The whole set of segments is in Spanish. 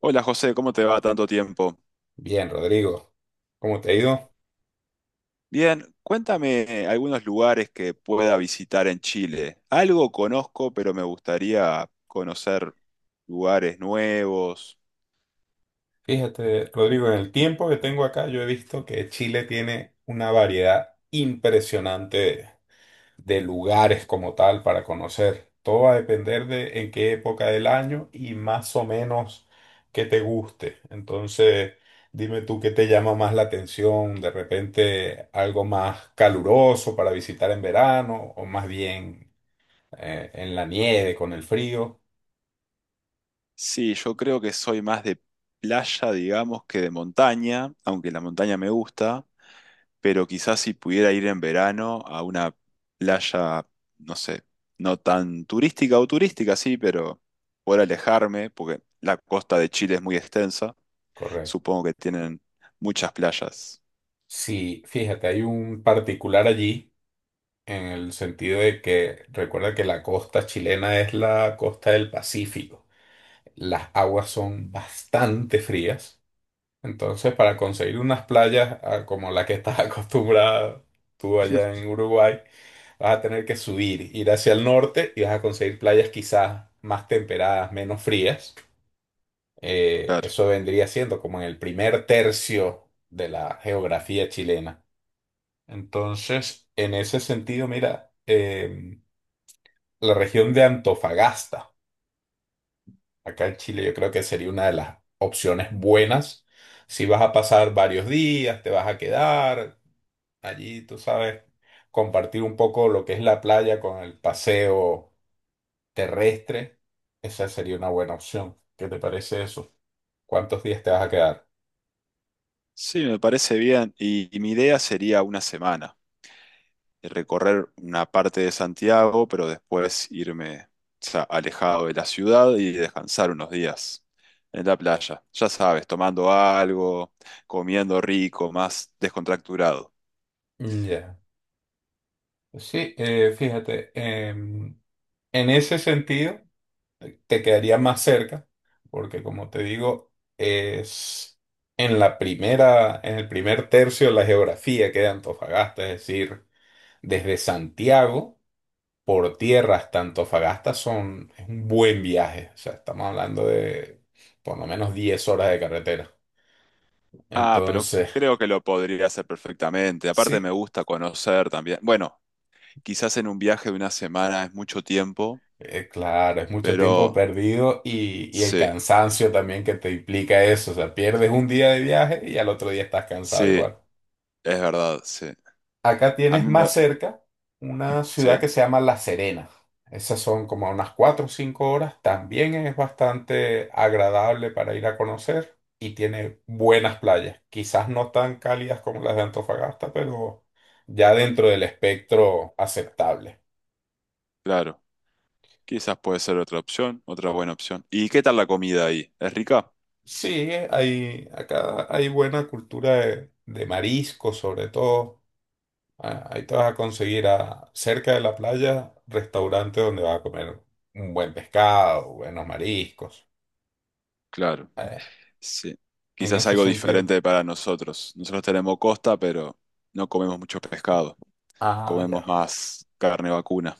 Hola José, ¿cómo te va? Tanto tiempo. Bien, Rodrigo. ¿Cómo te ha ido? Bien, cuéntame algunos lugares que pueda visitar en Chile. Algo conozco, pero me gustaría conocer lugares nuevos. Fíjate, Rodrigo, en el tiempo que tengo acá, yo he visto que Chile tiene una variedad impresionante de lugares como tal para conocer. Todo va a depender de en qué época del año y más o menos qué te guste. Entonces, dime tú qué te llama más la atención, de repente algo más caluroso para visitar en verano o más bien en la nieve con el frío. Sí, yo creo que soy más de playa, digamos, que de montaña, aunque la montaña me gusta, pero quizás si pudiera ir en verano a una playa, no sé, no tan turística o turística, sí, pero poder alejarme, porque la costa de Chile es muy extensa. Correcto. Supongo que tienen muchas playas. Sí, fíjate, hay un particular allí en el sentido de que recuerda que la costa chilena es la costa del Pacífico. Las aguas son bastante frías, entonces para conseguir unas playas como la que estás acostumbrada tú allá en Uruguay, vas a tener que subir, ir hacia el norte y vas a conseguir playas quizás más temperadas, menos frías. Claro. Eso vendría siendo como en el primer tercio de la geografía chilena. Entonces, en ese sentido, mira, la región de Antofagasta, acá en Chile, yo creo que sería una de las opciones buenas. Si vas a pasar varios días, te vas a quedar allí, tú sabes, compartir un poco lo que es la playa con el paseo terrestre, esa sería una buena opción. ¿Qué te parece eso? ¿Cuántos días te vas a quedar? Sí, me parece bien. Y mi idea sería una semana, de recorrer una parte de Santiago, pero después irme, o sea, alejado de la ciudad y descansar unos días en la playa. Ya sabes, tomando algo, comiendo rico, más descontracturado. Mm, ya. Sí, fíjate, en ese sentido. Te quedaría más cerca, porque como te digo, es en el primer tercio de la geografía que de Antofagasta, es decir, desde Santiago por tierra hasta Antofagasta es un buen viaje, o sea, estamos hablando de por lo menos 10 horas de carretera. Ah, pero Entonces, creo que lo podría hacer perfectamente. Aparte me sí, gusta conocer también. Bueno, quizás en un viaje de una semana es mucho tiempo, claro, es mucho tiempo pero perdido y el sí. cansancio también que te implica eso, o sea, pierdes un día de viaje y al otro día estás cansado Sí, igual. es verdad, sí. Acá A tienes mí me... más cerca una ciudad Sí, que se llama La Serena. Esas son como unas 4 o 5 horas. También es bastante agradable para ir a conocer y tiene buenas playas. Quizás no tan cálidas como las de Antofagasta, pero ya dentro del espectro aceptable. claro. Quizás puede ser otra opción, otra buena opción. ¿Y qué tal la comida ahí? ¿Es rica? Sí, acá hay buena cultura de marisco sobre todo. Ahí te vas a conseguir cerca de la playa, restaurante donde vas a comer un buen pescado, buenos mariscos. Claro. Eh, Sí. en Quizás ese algo sentido. diferente para nosotros. Nosotros tenemos costa, pero no comemos mucho pescado. Ah, Comemos ya. más carne vacuna.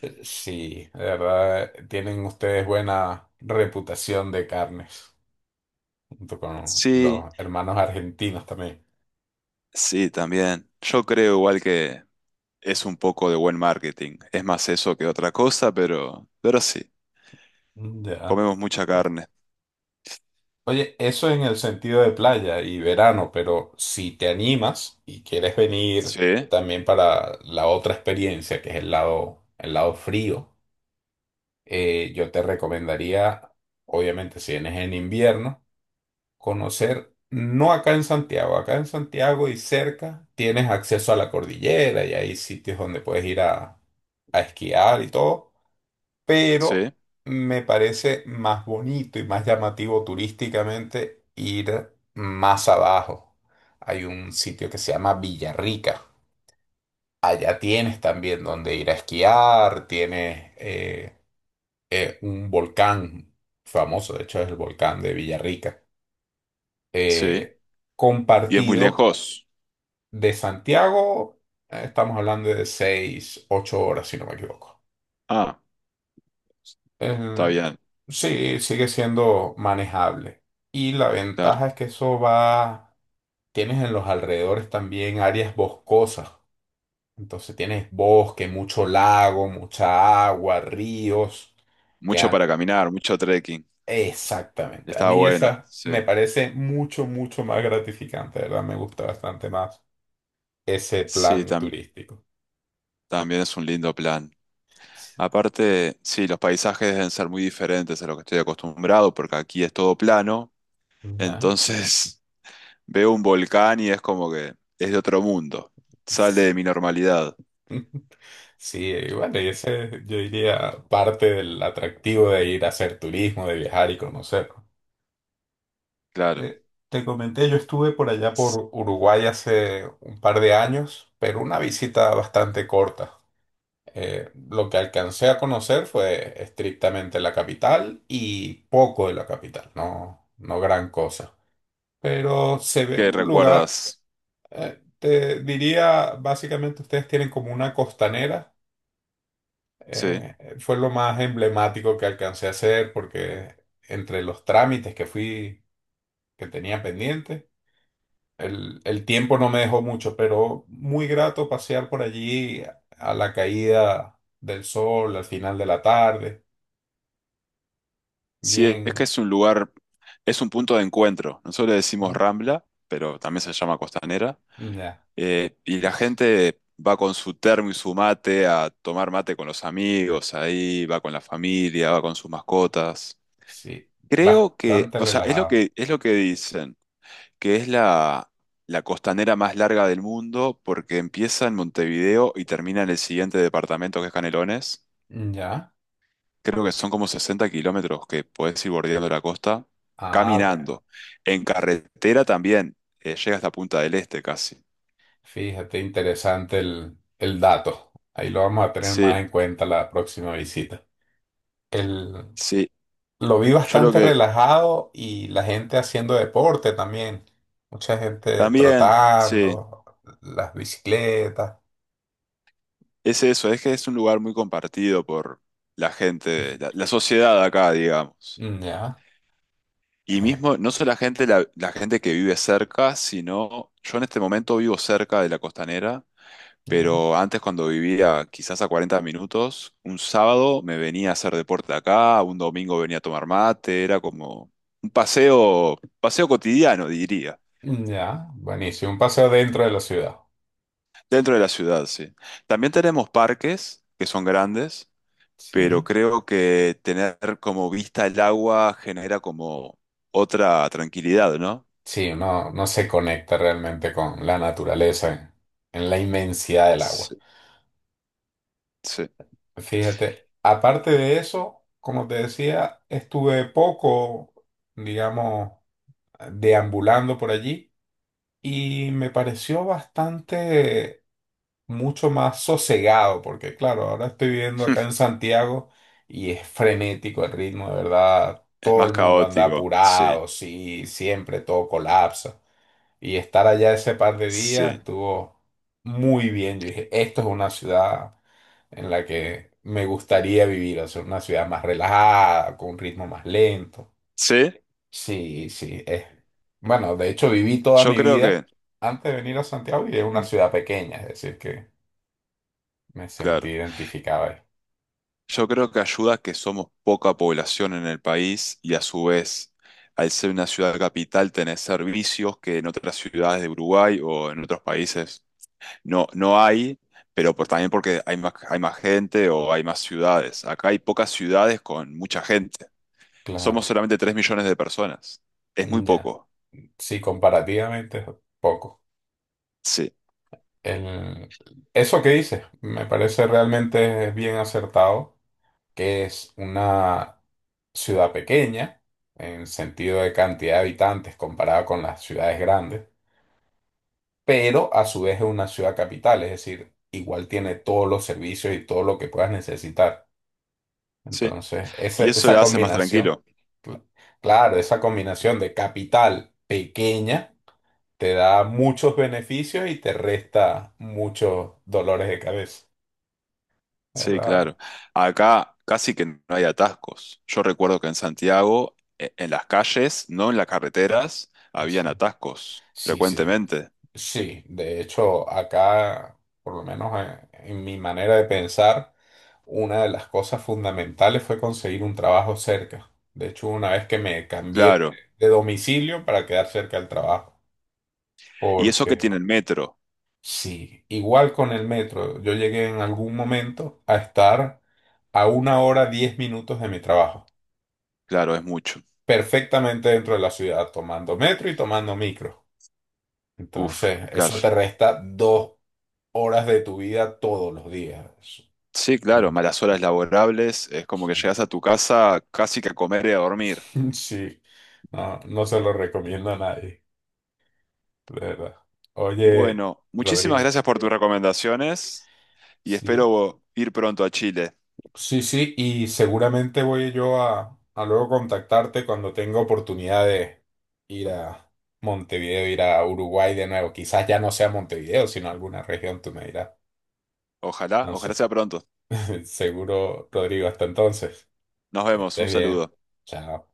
Sí, de verdad, tienen ustedes buena reputación de carnes, junto con Sí, los hermanos argentinos también. sí, también. Yo creo igual que es un poco de buen marketing. Es más eso que otra cosa, pero sí. Mm, ya. Comemos mucha carne. Oye, eso en el sentido de playa y verano, pero si te animas y quieres venir Sí, también para la otra experiencia, que es el lado frío. Yo te recomendaría, obviamente, si vienes en invierno, conocer, no acá en Santiago, acá en Santiago y cerca tienes acceso a la cordillera y hay sitios donde puedes ir a esquiar y todo, pero sí, me parece más bonito y más llamativo turísticamente ir más abajo. Hay un sitio que se llama Villarrica. Allá tienes también donde ir a esquiar, tienes un volcán famoso, de hecho es el volcán de Villarrica, sí. eh, ¿Y es muy compartido lejos? de Santiago, estamos hablando de 6 8 horas, si no me equivoco. Ah. Está El- bien, sí, sigue siendo manejable. Y la claro. ventaja es que eso va, tienes en los alrededores también áreas boscosas. Entonces tienes bosque, mucho lago, mucha agua, ríos, que Mucho han- para caminar, mucho trekking. Exactamente. A Está mí bueno, esa sí. me parece mucho, mucho más gratificante, de ¿verdad? Me gusta bastante más ese Sí, plan tam- turístico. También es un lindo plan. Sí. Aparte, sí, los paisajes deben ser muy diferentes a lo que estoy acostumbrado, porque aquí es todo plano. Ya. Entonces, veo un volcán y es como que es de otro mundo. Sale S- de mi normalidad, Sí, bueno, y ese yo diría parte del atractivo de ir a hacer turismo, de viajar y conocer. claro. Te comenté, yo estuve por allá por Uruguay hace un par de años, pero una visita bastante corta. Lo que alcancé a conocer fue estrictamente la capital y poco de la capital, no, no gran cosa. Pero se ve ¿Qué un lugar, recuerdas? Te diría, básicamente ustedes tienen como una costanera, Sí. Fue lo más emblemático que alcancé a hacer porque entre los trámites que fui, que tenía pendiente, el tiempo no me dejó mucho, pero muy grato pasear por allí a la caída del sol, al final de la tarde. Sí, es que Bien. Es un punto de encuentro. Nosotros le decimos ¿Eh? Rambla, pero también se llama Costanera. Ya. Y la Sí, gente va con su termo y su mate a tomar mate con los amigos, ahí va con la familia, va con sus mascotas. sí, Creo que, bastante o sea, relajado. Es lo que dicen, que es la costanera más larga del mundo porque empieza en Montevideo y termina en el siguiente departamento que es Canelones. Ya. Creo que son como 60 kilómetros que podés ir bordeando la costa Ah, bueno. caminando. En carretera también, llega hasta Punta del Este casi. Fíjate, interesante el dato. Ahí lo vamos a tener Sí, más en cuenta la próxima visita. El, sí. lo vi Yo lo bastante que relajado y la gente haciendo deporte también. Mucha gente También, sí, trotando, las bicicletas. es eso, es que es un lugar muy compartido por la gente, la sociedad de acá, digamos. Ya. Y eh, mismo, no solo la gente, la gente que vive cerca, sino yo en este momento vivo cerca de la costanera, ya. pero antes cuando vivía quizás a 40 minutos, un sábado me venía a hacer deporte acá, un domingo venía a tomar mate, era como un paseo, paseo cotidiano, diría, Ya. Buenísimo. Un paseo dentro de la ciudad. dentro de la ciudad, sí. También tenemos parques que son grandes, pero Sí. creo que tener como vista el agua genera como otra tranquilidad, ¿no? Sí, uno no se conecta realmente con la naturaleza en la inmensidad del agua. Sí, sí. Fíjate, aparte de eso, como te decía, estuve poco, digamos, deambulando por allí y me pareció bastante mucho más sosegado, porque claro, ahora estoy viviendo acá en Santiago y es frenético el ritmo, de verdad, Es todo más el mundo anda caótico, sí, apurado, sí, siempre todo colapsa. Y estar allá ese par de días sí, estuvo muy bien. Yo dije, esto es una ciudad en la que me gustaría vivir, o sea, una ciudad más relajada, con un ritmo más lento. sí. Sí, sí, es. Bueno, de hecho viví toda Yo mi creo que, vida antes de venir a Santiago y es una mm, ciudad pequeña, es decir, que me sentí claro, identificado ahí. yo creo que ayuda a que somos poca población en el país y a su vez, al ser una ciudad capital, tenés servicios que en otras ciudades de Uruguay o en otros países no, no hay, pero pues también porque hay más gente o hay más ciudades. Acá hay pocas ciudades con mucha gente. Somos Claro, solamente 3 millones de personas. Es muy ya. poco. Sí, comparativamente es poco. Sí, El... Eso que dices me parece realmente bien acertado que es una ciudad pequeña en sentido de cantidad de habitantes comparada con las ciudades grandes, pero a su vez es una ciudad capital, es decir, igual tiene todos los servicios y todo lo que puedas necesitar. sí. Entonces, Y eso esa le hace más combinación, tranquilo. cl- claro, esa combinación de capital pequeña te da muchos beneficios y te resta muchos dolores de cabeza, Sí, ¿verdad? claro. Acá casi que no hay atascos. Yo recuerdo que en Santiago, en las calles, no en las carreteras, Sí, habían atascos sí. Sí. frecuentemente. Sí, de hecho, acá, por lo menos en mi manera de pensar, una de las cosas fundamentales fue conseguir un trabajo cerca. De hecho, una vez que me cambié Claro. de domicilio para quedar cerca del trabajo, Y eso que porque tiene el metro, sí, igual con el metro, yo llegué en algún momento a estar a 1 hora 10 minutos de mi trabajo, claro, es mucho. perfectamente dentro de la ciudad, tomando metro y tomando micro. Uf, Entonces, claro. eso te resta 2 horas de tu vida todos los días. Sí, claro, Mm, malas horas laborables, es como que sí. llegas a tu casa casi que a comer y a dormir. Sí. No, no se lo recomiendo a nadie, de verdad. Oye, Bueno, muchísimas Rodrigo. gracias por tus recomendaciones y Sí, espero ir pronto a Chile. sí, sí, y seguramente voy yo a luego contactarte cuando tenga oportunidad de ir a Montevideo, ir a Uruguay de nuevo. Quizás ya no sea Montevideo, sino alguna región, tú me dirás. Ojalá, Entonces, ojalá sea pronto. seguro, Rodrigo, hasta entonces, Nos que vemos, estés un bien. saludo. Chao.